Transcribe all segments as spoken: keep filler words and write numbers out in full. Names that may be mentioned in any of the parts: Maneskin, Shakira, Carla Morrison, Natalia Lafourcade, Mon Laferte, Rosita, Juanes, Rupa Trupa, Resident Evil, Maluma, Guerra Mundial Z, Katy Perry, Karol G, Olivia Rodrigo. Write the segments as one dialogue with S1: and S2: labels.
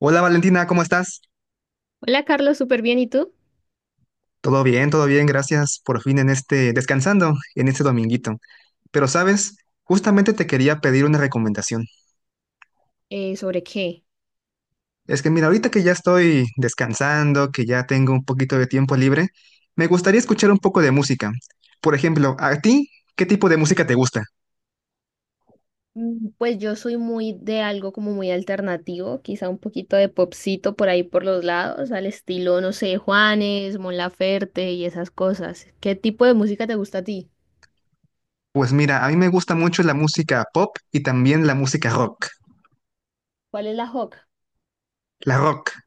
S1: Hola Valentina, ¿cómo estás?
S2: Hola Carlos, súper bien. ¿Y tú?
S1: Todo bien, todo bien, gracias por fin en este, descansando en este dominguito. Pero sabes, justamente te quería pedir una recomendación.
S2: Eh, ¿sobre qué?
S1: Es que mira, ahorita que ya estoy descansando, que ya tengo un poquito de tiempo libre, me gustaría escuchar un poco de música. Por ejemplo, ¿a ti qué tipo de música te gusta?
S2: Mm, Pues yo soy muy de algo como muy alternativo, quizá un poquito de popcito por ahí por los lados, al estilo, no sé, Juanes, Mon Laferte y esas cosas. ¿Qué tipo de música te gusta a ti?
S1: Pues mira, a mí me gusta mucho la música pop y también la música rock.
S2: ¿Cuál es la rock?
S1: La rock,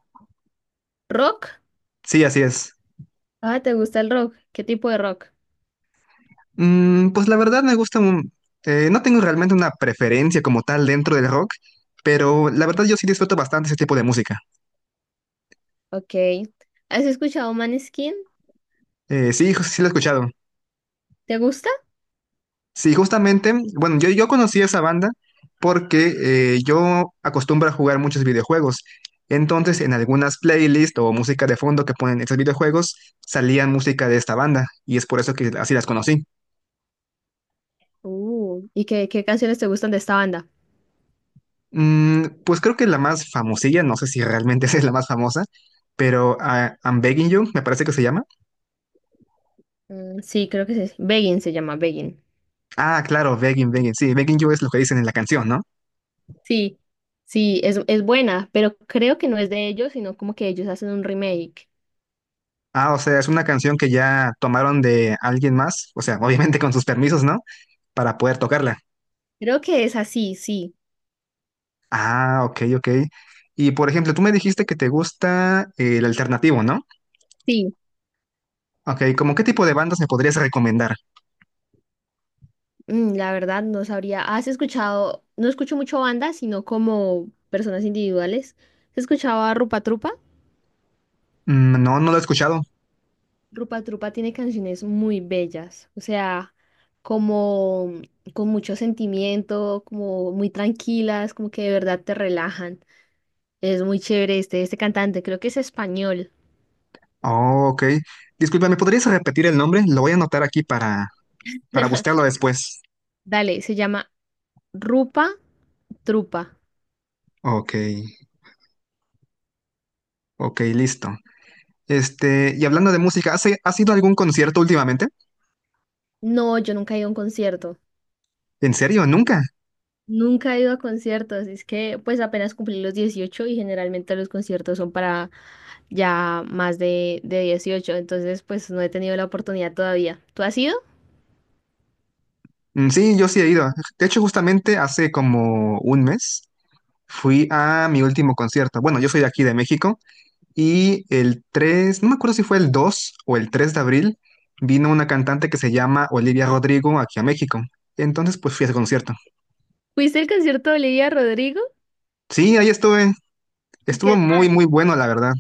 S2: ¿Rock?
S1: sí, así es.
S2: Ah, ¿te gusta el rock? ¿Qué tipo de rock?
S1: Mm, pues la verdad me gusta un- eh, no tengo realmente una preferencia como tal dentro del rock, pero la verdad yo sí disfruto bastante ese tipo de música.
S2: Ok. ¿Has escuchado Maneskin?
S1: Eh, sí, ju- sí lo he escuchado.
S2: ¿Te gusta?
S1: Sí, justamente, bueno, yo, yo conocí esa banda porque eh, yo acostumbro a jugar muchos videojuegos. Entonces, en algunas playlists o música de fondo que ponen estos videojuegos, salían música de esta banda y es por eso que así las conocí.
S2: Uh, ¿y qué, qué canciones te gustan de esta banda?
S1: Mm, pues creo que la más famosilla, no sé si realmente esa es la más famosa, pero ah, I'm Begging You, me parece que se llama.
S2: Mm, sí, creo que sí. Begin se llama Begin.
S1: Ah, claro, begging, begging. Sí, begging you es lo que dicen en la canción, ¿no?
S2: Sí, sí, es, es buena, pero creo que no es de ellos, sino como que ellos hacen un remake.
S1: Ah, o sea, es una canción que ya tomaron de alguien más, o sea, obviamente con sus permisos, ¿no? Para poder tocarla.
S2: Creo que es así, sí,
S1: Ah, ok, ok. Y por ejemplo, tú me dijiste que te gusta el alternativo, ¿no?
S2: sí.
S1: Ok, ¿cómo qué tipo de bandas me podrías recomendar?
S2: Mm, la verdad no sabría. ¿Has escuchado? No escucho mucho bandas, sino como personas individuales. ¿Has escuchado a Rupa Trupa?
S1: Mm, no, no lo he escuchado.
S2: Rupa Trupa tiene canciones muy bellas, o sea, como con mucho sentimiento, como muy tranquilas, como que de verdad te relajan. Es muy chévere este, este cantante, creo que es español.
S1: Oh, ok. Disculpa, ¿me podrías repetir el nombre? Lo voy a anotar aquí para, para buscarlo después.
S2: Dale, se llama Rupa. Trupa.
S1: Ok, ok, listo. Este, y hablando de música, ¿has, has ido a algún concierto últimamente?
S2: No, yo nunca he ido a un concierto.
S1: ¿En serio? ¿Nunca?
S2: Nunca he ido a conciertos. Es que pues apenas cumplí los dieciocho y generalmente los conciertos son para ya más de, de dieciocho. Entonces pues no he tenido la oportunidad todavía. ¿Tú has ido?
S1: Mm, sí, yo sí he ido. De hecho, justamente hace como un mes fui a mi último concierto. Bueno, yo soy de aquí de México y el tres, no me acuerdo si fue el dos o el tres de abril, vino una cantante que se llama Olivia Rodrigo aquí a México. Entonces, pues fui a ese concierto.
S2: ¿Fuiste al concierto de Olivia Rodrigo?
S1: Sí, ahí estuve.
S2: ¿Y
S1: Estuvo
S2: qué
S1: muy,
S2: tal?
S1: muy bueno, la verdad.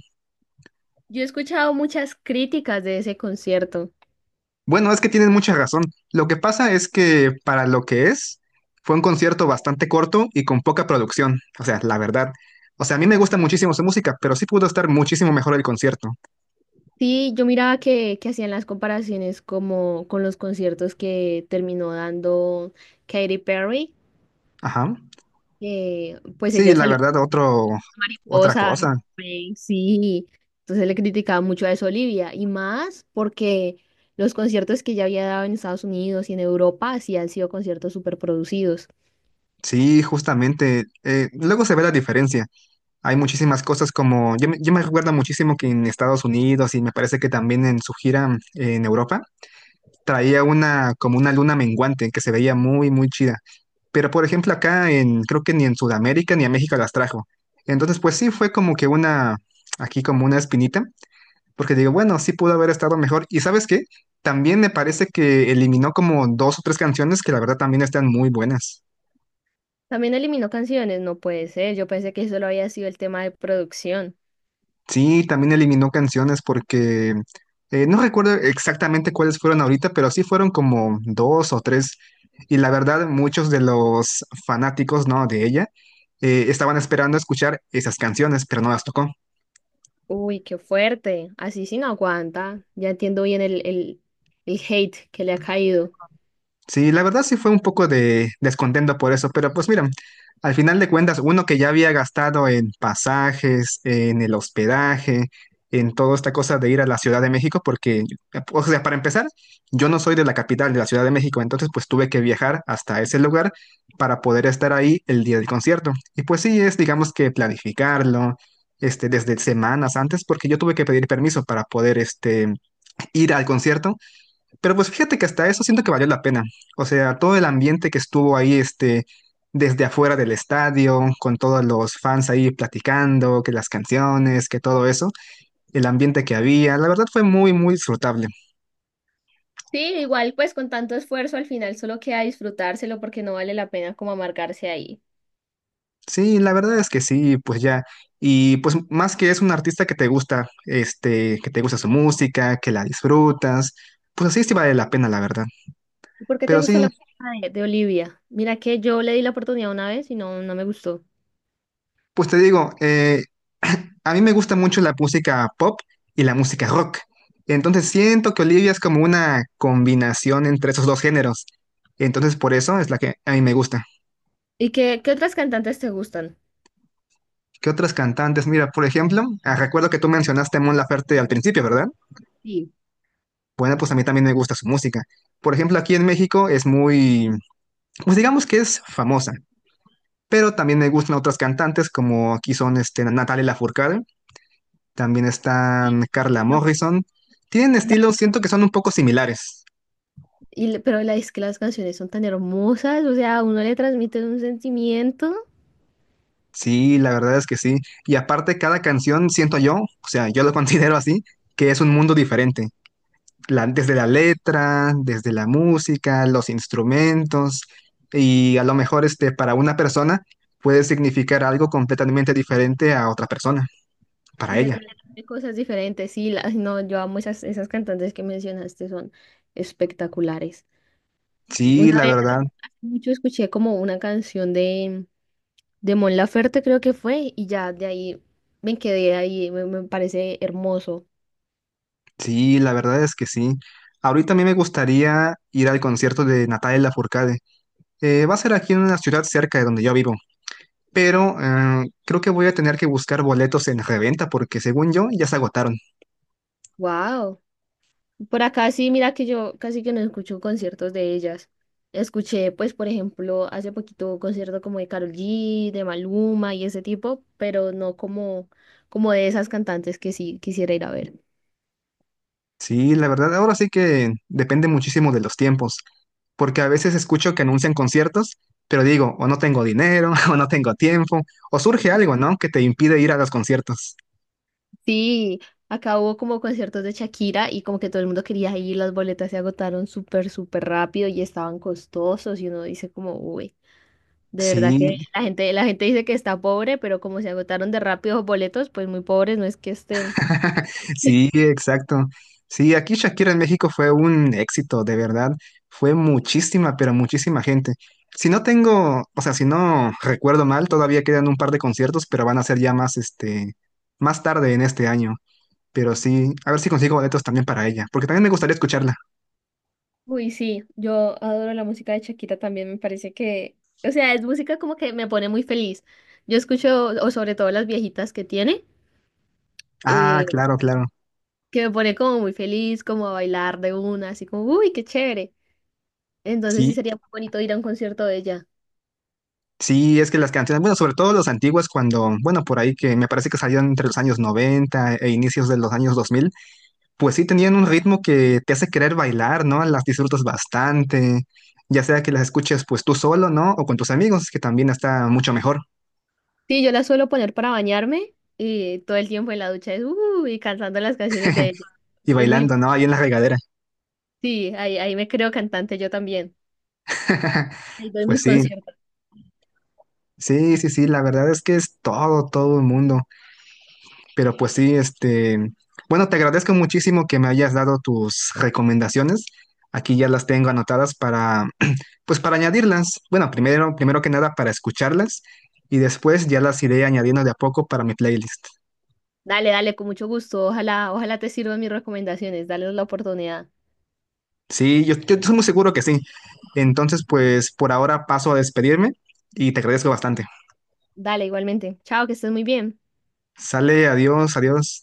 S2: Yo he escuchado muchas críticas de ese concierto.
S1: Bueno, es que tienes mucha razón. Lo que pasa es que para lo que es, fue un concierto bastante corto y con poca producción. O sea, la verdad. O sea, a mí me gusta muchísimo su música, pero sí pudo estar muchísimo mejor el concierto.
S2: Sí, yo miraba que, que hacían las comparaciones como con los conciertos que terminó dando Katy Perry,
S1: Ajá.
S2: que pues
S1: Sí,
S2: ella
S1: la
S2: salió.
S1: verdad, otro, otra
S2: Mariposas,
S1: cosa.
S2: eh, sí. Entonces le criticaba mucho a eso a Olivia y más porque los conciertos que ya había dado en Estados Unidos y en Europa sí han sido conciertos súper producidos.
S1: Sí, justamente. eh, luego se ve la diferencia. Hay muchísimas cosas como, yo, me- yo me recuerdo muchísimo que en Estados Unidos y me parece que también en su gira en Europa, traía una, como una luna menguante que se veía muy, muy chida. Pero por ejemplo acá en, creo que ni en Sudamérica ni en México las trajo. Entonces pues sí fue como que una, aquí como una espinita, porque digo, bueno, sí pudo haber estado mejor. ¿Y sabes qué? También me parece que eliminó como dos o tres canciones que la verdad también están muy buenas.
S2: También eliminó canciones, no puede ser. Yo pensé que solo había sido el tema de producción.
S1: Sí, también eliminó canciones porque eh, no recuerdo exactamente cuáles fueron ahorita, pero sí fueron como dos o tres. Y la verdad, muchos de los fanáticos, ¿no? De ella eh, estaban esperando escuchar esas canciones, pero no las tocó.
S2: Uy, qué fuerte. Así sí no aguanta. Ya entiendo bien el, el, el hate que le ha caído.
S1: Sí, la verdad sí fue un poco de descontento por eso, pero pues mira, al final de cuentas, uno que ya había gastado en pasajes, en el hospedaje, en toda esta cosa de ir a la Ciudad de México, porque, o sea, para empezar, yo no soy de la capital de la Ciudad de México, entonces pues tuve que viajar hasta ese lugar para poder estar ahí el día del concierto. Y pues sí, es, digamos que planificarlo, este, desde semanas antes, porque yo tuve que pedir permiso para poder, este, ir al concierto, pero pues fíjate que hasta eso siento que valió la pena. O sea, todo el ambiente que estuvo ahí, este, desde afuera del estadio, con todos los fans ahí platicando, que las canciones, que todo eso, el ambiente que había, la verdad fue muy, muy disfrutable.
S2: Sí, igual pues con tanto esfuerzo al final solo queda disfrutárselo porque no vale la pena como amargarse ahí.
S1: Sí, la verdad es que sí, pues ya. Y pues más que es un artista que te gusta, este, que te gusta su música, que la disfrutas, pues así sí vale la pena, la verdad.
S2: ¿Y ¿Por qué te
S1: Pero
S2: gusta
S1: sí,
S2: la música de, de Olivia? Mira que yo le di la oportunidad una vez y no, no me gustó.
S1: pues te digo, eh, a mí me gusta mucho la música pop y la música rock. Entonces siento que Olivia es como una combinación entre esos dos géneros. Entonces por eso es la que a mí me gusta.
S2: ¿Y qué, qué otras cantantes te gustan?
S1: ¿Qué otras cantantes? Mira, por ejemplo, ah, recuerdo que tú mencionaste a Mon Laferte al principio, ¿verdad?
S2: Sí.
S1: Bueno, pues a mí también me gusta su música. Por ejemplo, aquí en México es muy, pues digamos que es famosa, pero también me gustan otras cantantes como aquí son este, Natalia Lafourcade, también
S2: Y-
S1: están Carla
S2: no,
S1: Morrison. Tienen
S2: la-
S1: estilos, siento que son un poco similares.
S2: Y, le- pero la, Es que las canciones son tan hermosas, o sea, a uno le transmite un sentimiento
S1: Sí, la verdad es que sí. Y aparte, cada canción, siento yo, o sea, yo lo considero así, que es un mundo diferente. La- desde la letra, desde la música, los instrumentos, y a lo mejor este, para una persona puede significar algo completamente diferente a otra persona,
S2: y
S1: para
S2: le
S1: ella.
S2: transmite cosas diferentes. Sí, las, no, yo amo esas, esas cantantes que mencionaste, son espectaculares.
S1: Sí,
S2: Una
S1: la
S2: vez hace
S1: verdad,
S2: hace mucho escuché como una canción de, de Mon Laferte, creo que fue, y ya de ahí me quedé ahí, me, me parece hermoso.
S1: sí, la verdad es que sí. Ahorita a mí me gustaría ir al concierto de Natalia Lafourcade. Eh, va a ser aquí en una ciudad cerca de donde yo vivo, pero eh, creo que voy a tener que buscar boletos en reventa porque según yo ya se agotaron.
S2: Wow. Por acá sí, mira que yo casi que no escucho conciertos de ellas. Escuché, pues, por ejemplo, hace poquito un concierto como de Karol G, de Maluma y ese tipo, pero no como, como de esas cantantes que sí quisiera ir a ver.
S1: Sí, la verdad, ahora sí que depende muchísimo de los tiempos, porque a veces escucho que anuncian conciertos, pero digo, o no tengo dinero, o no tengo tiempo, o surge algo, ¿no? Que te impide ir a los conciertos.
S2: Sí, acá hubo como conciertos de Shakira y como que todo el mundo quería ir, las boletas se agotaron súper, súper rápido y estaban costosos y uno dice como, uy, de verdad que
S1: Sí,
S2: la gente, la gente dice que está pobre, pero como se agotaron de rápido los boletos, pues muy pobres no es que estén.
S1: sí, exacto. Sí, aquí Shakira en México fue un éxito, de verdad. Fue muchísima, pero muchísima gente. Si no tengo, o sea, si no recuerdo mal, todavía quedan un par de conciertos, pero van a ser ya más, este, más tarde en este año. Pero sí, a ver si consigo boletos también para ella, porque también me gustaría escucharla.
S2: Uy, sí, yo adoro la música de Shakira también, me parece que, o sea, es música como que me pone muy feliz. Yo escucho, o sobre todo las viejitas que tiene,
S1: Ah,
S2: eh,
S1: claro, claro.
S2: que me pone como muy feliz, como a bailar de una, así como, uy, qué chévere. Entonces sí
S1: Sí,
S2: sería muy bonito ir a un concierto de ella.
S1: sí, es que las canciones, bueno, sobre todo las antiguas, cuando, bueno, por ahí que me parece que salieron entre los años noventa e inicios de los años dos mil. Pues sí tenían un ritmo que te hace querer bailar, ¿no? Las disfrutas bastante, ya sea que las escuches pues tú solo, ¿no? O con tus amigos, que también está mucho mejor.
S2: Sí, yo la suelo poner para bañarme y todo el tiempo en la ducha es, uy, cantando las canciones de ella.
S1: Y
S2: Es muy,
S1: bailando, ¿no? Ahí en la regadera.
S2: sí, ahí, ahí me creo cantante yo también. Ahí doy
S1: Pues
S2: mis
S1: sí,
S2: conciertos.
S1: sí, sí, sí, la verdad es que es todo, todo el mundo. Pero pues sí, este, bueno, te agradezco muchísimo que me hayas dado tus recomendaciones. Aquí ya las tengo anotadas para, pues para añadirlas. Bueno, primero, primero que nada para escucharlas y después ya las iré añadiendo de a poco para mi playlist.
S2: Dale, dale, con mucho gusto. Ojalá, ojalá te sirvan mis recomendaciones. Dale la oportunidad.
S1: Sí, yo, yo estoy muy seguro que sí. Entonces, pues por ahora paso a despedirme y te agradezco bastante.
S2: Dale, igualmente. Chao, que estés muy bien.
S1: Sale, adiós, adiós.